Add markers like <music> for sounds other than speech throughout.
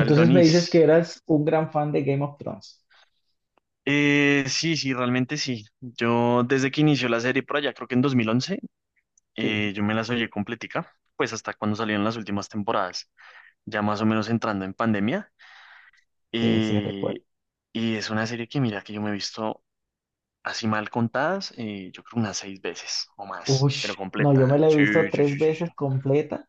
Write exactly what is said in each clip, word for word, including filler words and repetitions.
Tal me Donis. dices que eras un gran fan de Game of Thrones. Eh, sí, sí, realmente sí. Yo desde que inició la serie por allá, creo que en dos mil once, Sí. eh, yo me las oí completica, pues hasta cuando salieron las últimas temporadas, ya más o menos entrando en pandemia. Sí, sí, recuerdo. Eh, y es una serie que mira que yo me he visto así mal contadas, eh, yo creo unas seis veces o más, pero Ush, no, yo me completa. la he visto Sí, sí, tres sí, sí, sí, veces completa,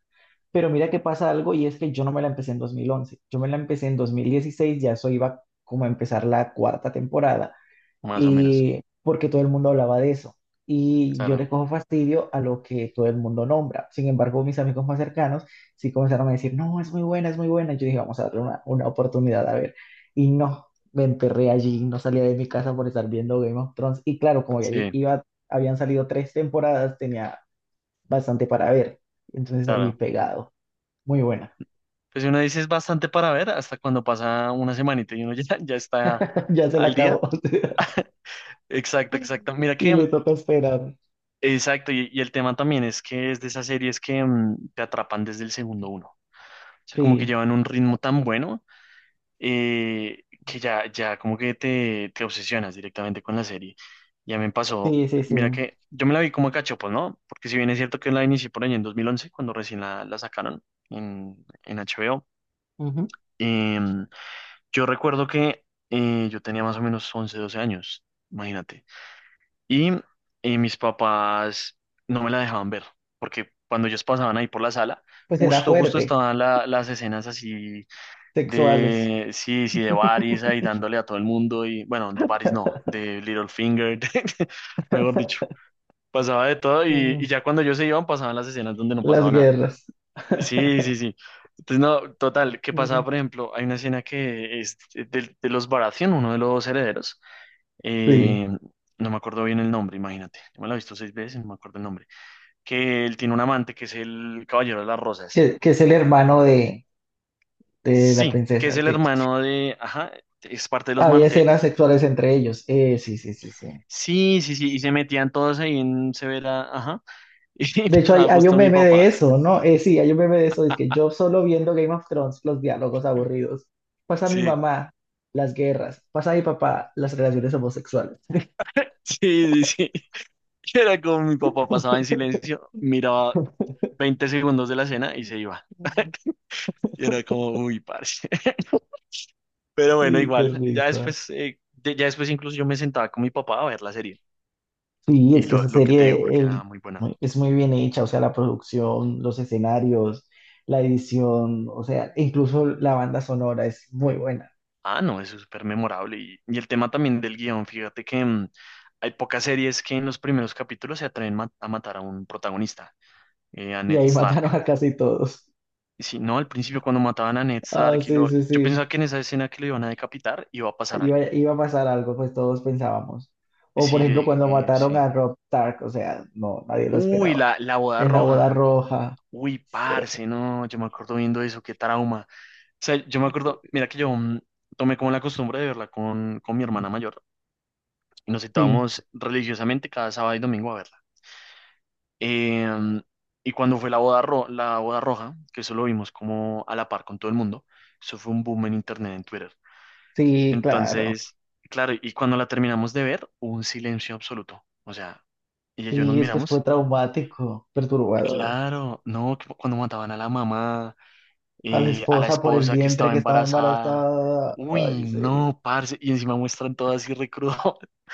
pero mira que pasa algo y es que yo no me la empecé en dos mil once. Yo me la empecé en dos mil dieciséis. Ya eso iba como a empezar la cuarta temporada. más o menos. Y porque todo el mundo hablaba de eso. Y yo Claro, le cojo fastidio a lo que todo el mundo nombra. Sin embargo, mis amigos más cercanos sí comenzaron a decir, no, es muy buena, es muy buena. Y yo dije, vamos a darle una, una oportunidad a ver. Y no, me enterré allí, no salía de mi casa por estar viendo Game of Thrones. Y claro, como ya allí sí, iba, habían salido tres temporadas, tenía bastante para ver. Entonces allí claro. pegado, muy buena. Pues si uno dice es bastante para ver, hasta cuando pasa una semanita y uno <laughs> ya, ya está <laughs> Ya se la al acabó. día. <laughs> Exacto, exacto. Mira Y que, le toca esperar. exacto, y, y el tema también es que es de esas series que mm, te atrapan desde el segundo uno. O sea, como que Sí, llevan un ritmo tan bueno, eh, que ya, ya como que te, te obsesionas directamente con la serie. Ya me pasó, sí, sí, mira sí. que yo me la vi como a cachopos, ¿no? Porque si bien es cierto que la inicié por ahí en dos mil once, cuando recién la, la sacaron en, en H B O. Ujú. em, yo recuerdo que eh, yo tenía más o menos once, doce años, imagínate. Y, eh, mis papás no me la dejaban ver, porque cuando ellos pasaban ahí por la sala, Pues era justo, justo fuerte. estaban la- las escenas así Sexuales. de, sí, sí, de Varys ahí dándole a todo el mundo y, bueno, de Varys no, de Littlefinger, <laughs> de- de- mejor dicho, pasaba de todo y, mm, y ya cuando ellos se iban pasaban las escenas donde no las pasaba nada. guerras. <laughs> Sí, sí, sí. Entonces, no, total, ¿qué Mm. pasaba? Por ejemplo, hay una escena que es de, de los Baratheon, uno de los herederos, Sí, eh, no me acuerdo bien el nombre, imagínate. Yo me la he visto seis veces, no me acuerdo el nombre. Que él tiene un amante que es el Caballero de las Rosas. que, que es el hermano de, de la Sí, que es princesa. el Sí. hermano de, ajá, es parte de los Había Martel. escenas sexuales entre ellos. Eh, sí, sí, sí, sí. Sí, sí, sí, y se metían todos ahí en Severa, ajá, <laughs> De y hecho, hay, pasaba hay un justo mi meme de papá. eso, ¿no? Eh, sí, hay un meme de eso. Es que <laughs> yo solo viendo Game of Thrones, los diálogos aburridos. Pasa mi Sí, mamá, las guerras. Pasa mi papá, las relaciones homosexuales. sí, sí, sí. Y era como mi papá pasaba en silencio, miraba veinte segundos de la escena y se iba. <laughs> Y era como, uy, parce. <laughs> Pero bueno, Sí, qué igual, ya risa. después, eh, de- ya después incluso yo me sentaba con mi papá a ver la serie. Sí, Y es que lo, esa lo que te digo, serie porque el- era muy buena. muy- es muy bien hecha, o sea, la producción, los escenarios, la edición, o sea, incluso la banda sonora es muy buena. Ah, no, eso es súper memorable. Y, y el tema también del guión, fíjate que mm, hay pocas series que en los primeros capítulos se atreven ma- a matar a un protagonista, eh, a Y Ned ahí <laughs> Stark. mataron a casi todos. Y si no, al principio cuando mataban a Ned Ah, Stark, y sí, lo, sí, yo pensaba sí. que en esa escena que lo iban a decapitar iba a pasar Iba, algo. iba a pasar algo, pues todos pensábamos. Y O por sí, yo ejemplo, cuando dije, eh, mataron sí. a Rob Stark, o sea, no, nadie lo Uy, esperaba. la, la boda En la boda roja. roja. Uy, Sí, parce, no, yo me acuerdo viendo eso, qué trauma. O sea, yo me acuerdo, mira que yo mm, tomé como la costumbre de verla con, con mi hermana mayor. Y nos sí, citábamos religiosamente cada sábado y domingo a verla. Em, y cuando fue la boda, ro- la boda roja, que eso lo vimos como a la par con todo el mundo, eso fue un boom en internet, en Twitter. sí, claro. Entonces, claro, y cuando la terminamos de ver, hubo un silencio absoluto. O sea, ella y yo nos Sí, es que fue miramos. traumático, perturbador. Claro, no, que cuando mataban a la mamá, A la eh, a la esposa por el esposa que vientre estaba que estaba embarazada. embarazada. Uy, Ay, sí. no, parce. Y encima muestran todo así recrudo. <laughs>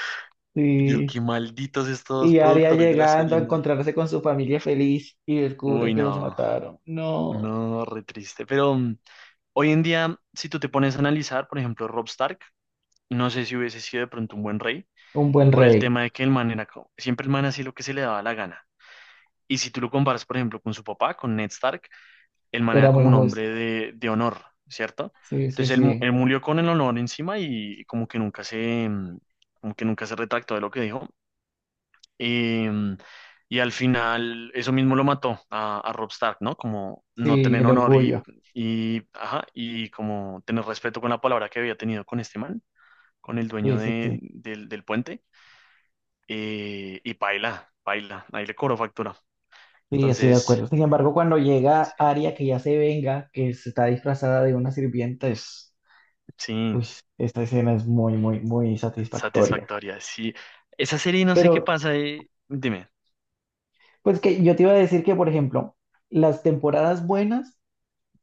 Yo, Sí. qué malditos estos Y Arya productores de la llegando serie, a ¿no? encontrarse con su familia feliz y descubre Uy, que los no, mataron. No. no, re triste. Pero mm, hoy en día, si tú te pones a analizar, por ejemplo, Rob Stark, no sé si hubiese sido de pronto un buen rey, Un buen por el rey. tema de que el man era, co- siempre el man hacía lo que se le daba la gana. Y si tú lo comparas, por ejemplo, con su papá, con Ned Stark, el man era Era como muy un justo. hombre de, de honor, ¿cierto? Sí, sí, Entonces él, mu- sí. él murió con el honor encima y, y como que nunca se, mm, como que nunca se retractó de lo que dijo. Y, mm, y al final eso mismo lo mató a, a Robb Stark, ¿no? Como no Sí, tener el honor y, orgullo. y, ajá, y como tener respeto con la palabra que había tenido con este man, con el dueño Sí, sí, de- sí. del, del puente. Eh, y paila, paila, ahí le cobró factura. Sí, estoy de Entonces, acuerdo. Sin embargo, cuando llega sí, Arya, que ya se venga, que se está disfrazada de una sirvienta, es... sí, Uy, esta escena es muy, muy, muy satisfactoria. satisfactoria. Sí, esa serie no sé qué Pero, pasa. eh, Dime, pues que yo te iba a decir que, por ejemplo, las temporadas buenas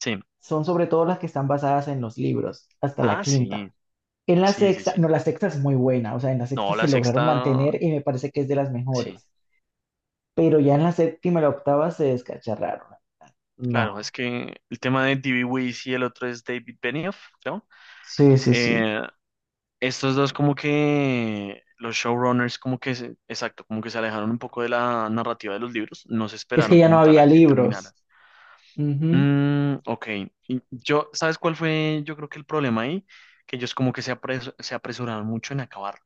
sí. son sobre todo las que están basadas en los libros, hasta la Ah, quinta. sí, En la sí, sí, sexta, no, sí. la sexta es muy buena, o sea, en la No, sexta la se lograron sexta, mantener y me parece que es de las sí. mejores, pero ya en la séptima y la octava se descacharraron. Claro, No, es que el tema de D B. Weiss y el otro es David Benioff, ¿no? sí, sí, sí. Eh, Estos dos como que los showrunners como que, se- exacto, como que se alejaron un poco de la narrativa de los libros, no se Es que esperaron ya no como tal había a que libros. terminara. Ujú. Mm, ok, y yo, ¿sabes cuál fue? Yo creo que el problema ahí, que ellos como que se, apres- se apresuraron mucho en acabar.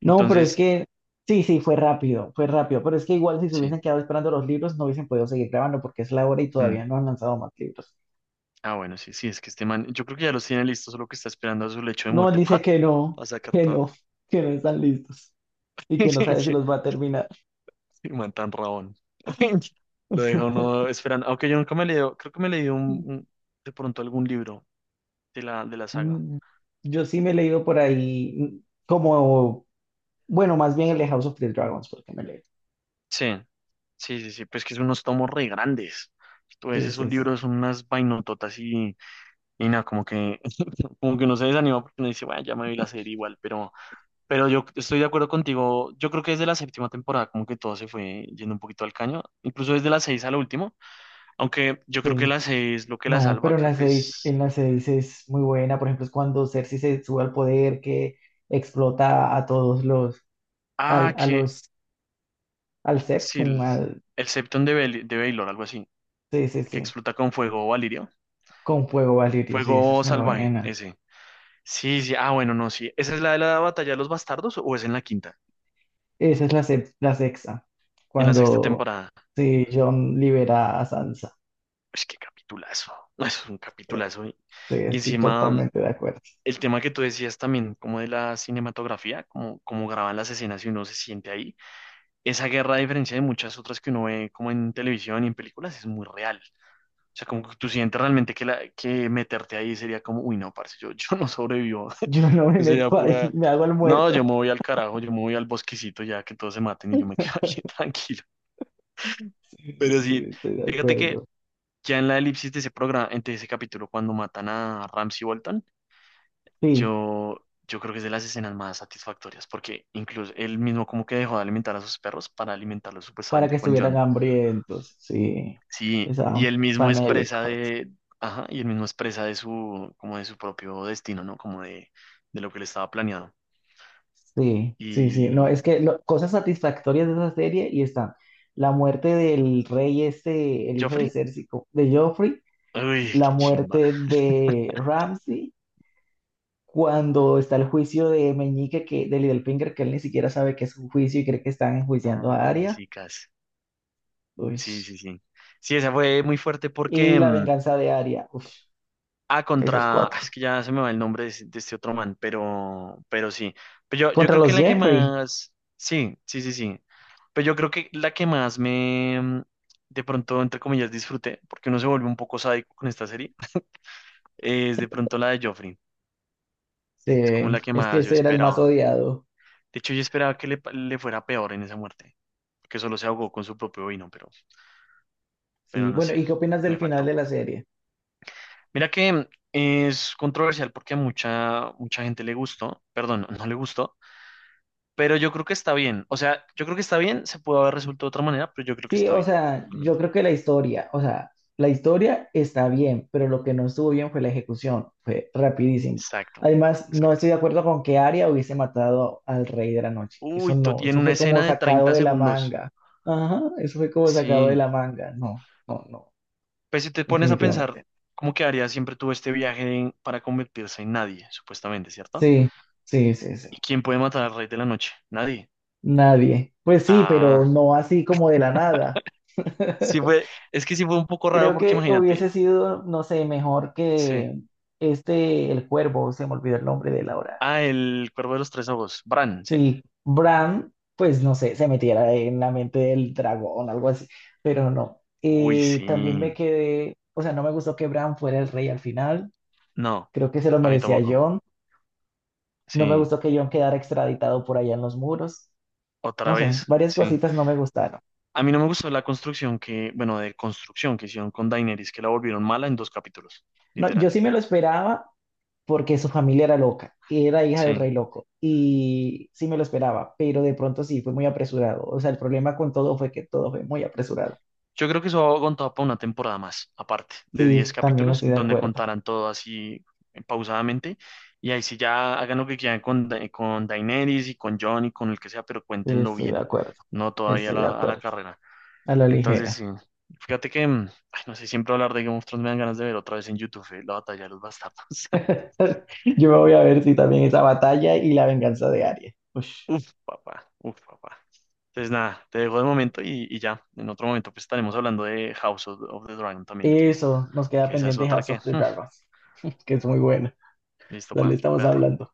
No, pero es Entonces, que, sí, sí, fue rápido, fue rápido, pero es que igual si se sí. hubiesen quedado esperando los libros no hubiesen podido seguir grabando porque es la hora y mm, todavía no han lanzado más libros. Ah, bueno, sí, sí, es que este man, yo creo que ya los tiene listos, solo que está esperando a su lecho de No, él muerte dice <laughs> que no, para sacar que todo. no, que no están listos y que no sabe si <laughs> los va a terminar. Y man tan rabón. <laughs> Lo deja uno esperando. Aunque yo nunca me leí, creo que me leí un, Mm. <laughs> un- de pronto algún libro de la, de la saga. Mm. Yo sí me he leído por ahí, mm, como, bueno, más bien el de House of the Dragons, porque me leí. Sí, sí, sí, sí. Pues que son unos tomos re grandes. Entonces Sí, esos sí, sí, libros son unas vainototas y, y nada, como que, <laughs> como que uno se desanima porque uno dice, bueno, ya me vi la serie igual, pero, pero, yo estoy de acuerdo contigo. Yo creo que desde la séptima temporada como que todo se fue yendo un poquito al caño, incluso desde la seis a la última, aunque yo creo que sí. la seis lo que la No, salva, pero en creo las que seis, es... en las seis es muy buena. Por ejemplo, es cuando Cersei se sube al poder, que explota a todos los, Ah, al, a que los, al sí, Septum, el, al, el Septon de, Bel- de Baylor, algo así, sí, sí, que sí, explota con fuego Valirio. con fuego valirio, sí, esa es Fuego muy salvaje, buena. ese. Sí, sí, ah, bueno, no, sí. ¿Esa es la de la batalla de los bastardos o es en la quinta? Esa es la, sex- la sexta, En la sexta cuando, temporada. sí, Jon libera a Sansa. Es que capitulazo. <laughs> Es un Sí, capitulazo. Y, sí, y estoy encima, mm, totalmente de acuerdo. el tema que tú decías también, como de la cinematografía, como, como graban las escenas y uno se siente ahí. Esa guerra, a diferencia de muchas otras que uno ve como en televisión y en películas, es muy real. O sea, como que tú sientes realmente que, la, que meterte ahí sería como, uy, no, parce, yo, <laughs> yo no sobrevivo. Yo no <laughs> me Sería meto ahí, <laughs> pura, me hago el no, yo muerto. me voy al carajo, yo me voy al bosquecito ya que todos se maten y yo me <laughs> quedo ahí tranquilo. Sí, Pero sí, sí, sí, estoy de fíjate que acuerdo. ya en la elipsis de ese programa, de ese capítulo, cuando matan a Ramsay Bolton, Sí, yo, yo creo que es de las escenas más satisfactorias, porque incluso él mismo como que dejó de alimentar a sus perros para alimentarlos para que supuestamente con estuvieran John. hambrientos, sí, Sí, y estaban él mismo es presa famélicos. de, ajá, y él mismo es presa de su, como de su propio destino, ¿no? Como de, de lo que le estaba planeado. Sí, sí, sí. No, es Y que lo- cosas satisfactorias de esa serie y están la muerte del rey este, el hijo de Joffrey, Cersei, co- de Joffrey, uy, la qué chimba. muerte de Ramsay, cuando está el juicio de Meñique, que, de Littlefinger, que él ni siquiera sabe que es un juicio y cree que están enjuiciando a Ah, Arya. chicas. Uy. Sí, sí, sí. Sí, esa fue muy fuerte Y porque la mm, venganza de Arya. Uf. Ah, Esas contra. Es cuatro. que ya se me va el nombre de, ese- de este otro man, pero, pero sí. Pero yo, yo Contra creo que los la que Jeffrey. más. Sí, sí, sí, sí. Pero yo creo que la que más me. mm, De pronto, entre comillas, disfruté, porque uno se vuelve un poco sádico con esta serie, <laughs> es de pronto la de Joffrey. Sí, Es como la que es que más yo ese era el más esperaba. odiado. De hecho, yo esperaba que le, pa- le fuera peor en esa muerte, que solo se ahogó con su propio vino, pero, pero Sí, no bueno, sé, ¿y qué opinas del me final de faltó. la serie? Mira que mm, es controversial porque a mucha, mucha gente le gustó, perdón, no le gustó. Pero yo creo que está bien. O sea, yo creo que está bien. Se pudo haber resuelto de otra manera, pero yo creo que Sí, está o bien. sea, yo Realmente. creo que la historia, o sea, la historia está bien, pero lo que no estuvo bien fue la ejecución, fue rapidísimo. Exacto. Además, no Exacto. estoy de acuerdo con que Arya hubiese matado al Rey de la Noche. Eso Uy, to- no, y en eso una fue como escena de sacado treinta de la segundos. manga. Ajá, eso fue como sacado de Sí. la manga. No, no, no, Pues si te pones a pensar, definitivamente. ¿cómo quedaría siempre tuvo este viaje en- para convertirse en nadie, supuestamente, ¿cierto? Sí, sí, sí, sí. ¿Y quién puede matar al rey de la noche? Nadie. Nadie. Pues sí, pero Ah, no así como de la nada. sí <laughs> fue. Es que sí fue un poco raro Creo porque que hubiese imagínate. sido, no sé, mejor Sí. que este, el cuervo, se me olvidó el nombre de la hora. Ah, el cuervo de los tres ojos. Bran, sí. Sí, Bran, pues no sé, se metiera en la mente del dragón, algo así, pero no. Uy, Eh, también me sí. quedé, o sea, no me gustó que Bran fuera el rey al final, No, creo que se lo a mí merecía tampoco. Jon, no me Sí. gustó que Jon quedara extraditado por allá en los muros, Otra no sé, vez, varias sí. cositas no me gustaron. A mí no me gustó la construcción que, bueno, de construcción que hicieron con Daenerys, que la volvieron mala en dos capítulos, No, yo literal. sí me lo esperaba, porque su familia era loca, era hija del Sí. rey loco y sí me lo esperaba, pero de pronto sí, fue muy apresurado. O sea, el problema con todo fue que todo fue muy apresurado. Yo creo que eso aguantaba para una temporada más, aparte, de diez Sí, también capítulos, estoy de donde acuerdo, contaran todo así, eh, pausadamente. Y ahí sí ya hagan lo que quieran con, Da- con Daenerys y con Jon y con el que sea, pero cuéntenlo estoy de bien, acuerdo, no todavía a estoy de la, a la acuerdo, carrera. a la Entonces, ligera. sí. Fíjate que, mm, ay, no sé, siempre hablar de Game of Thrones me dan ganas de ver otra vez en YouTube, eh, la batalla de los bastardos. <laughs> Yo me voy a ver si también esa batalla y la venganza de Arya. Ush. Uf, papá, uf, papá. Entonces, nada, te dejo de momento y, y ya. En otro momento, pues estaremos hablando de House of, of the Dragon también, que, Eso, nos queda que esa es pendiente otra House que. of the <laughs> Dragons, que es muy bueno. Listo, pa, Dale, estamos espérate. hablando.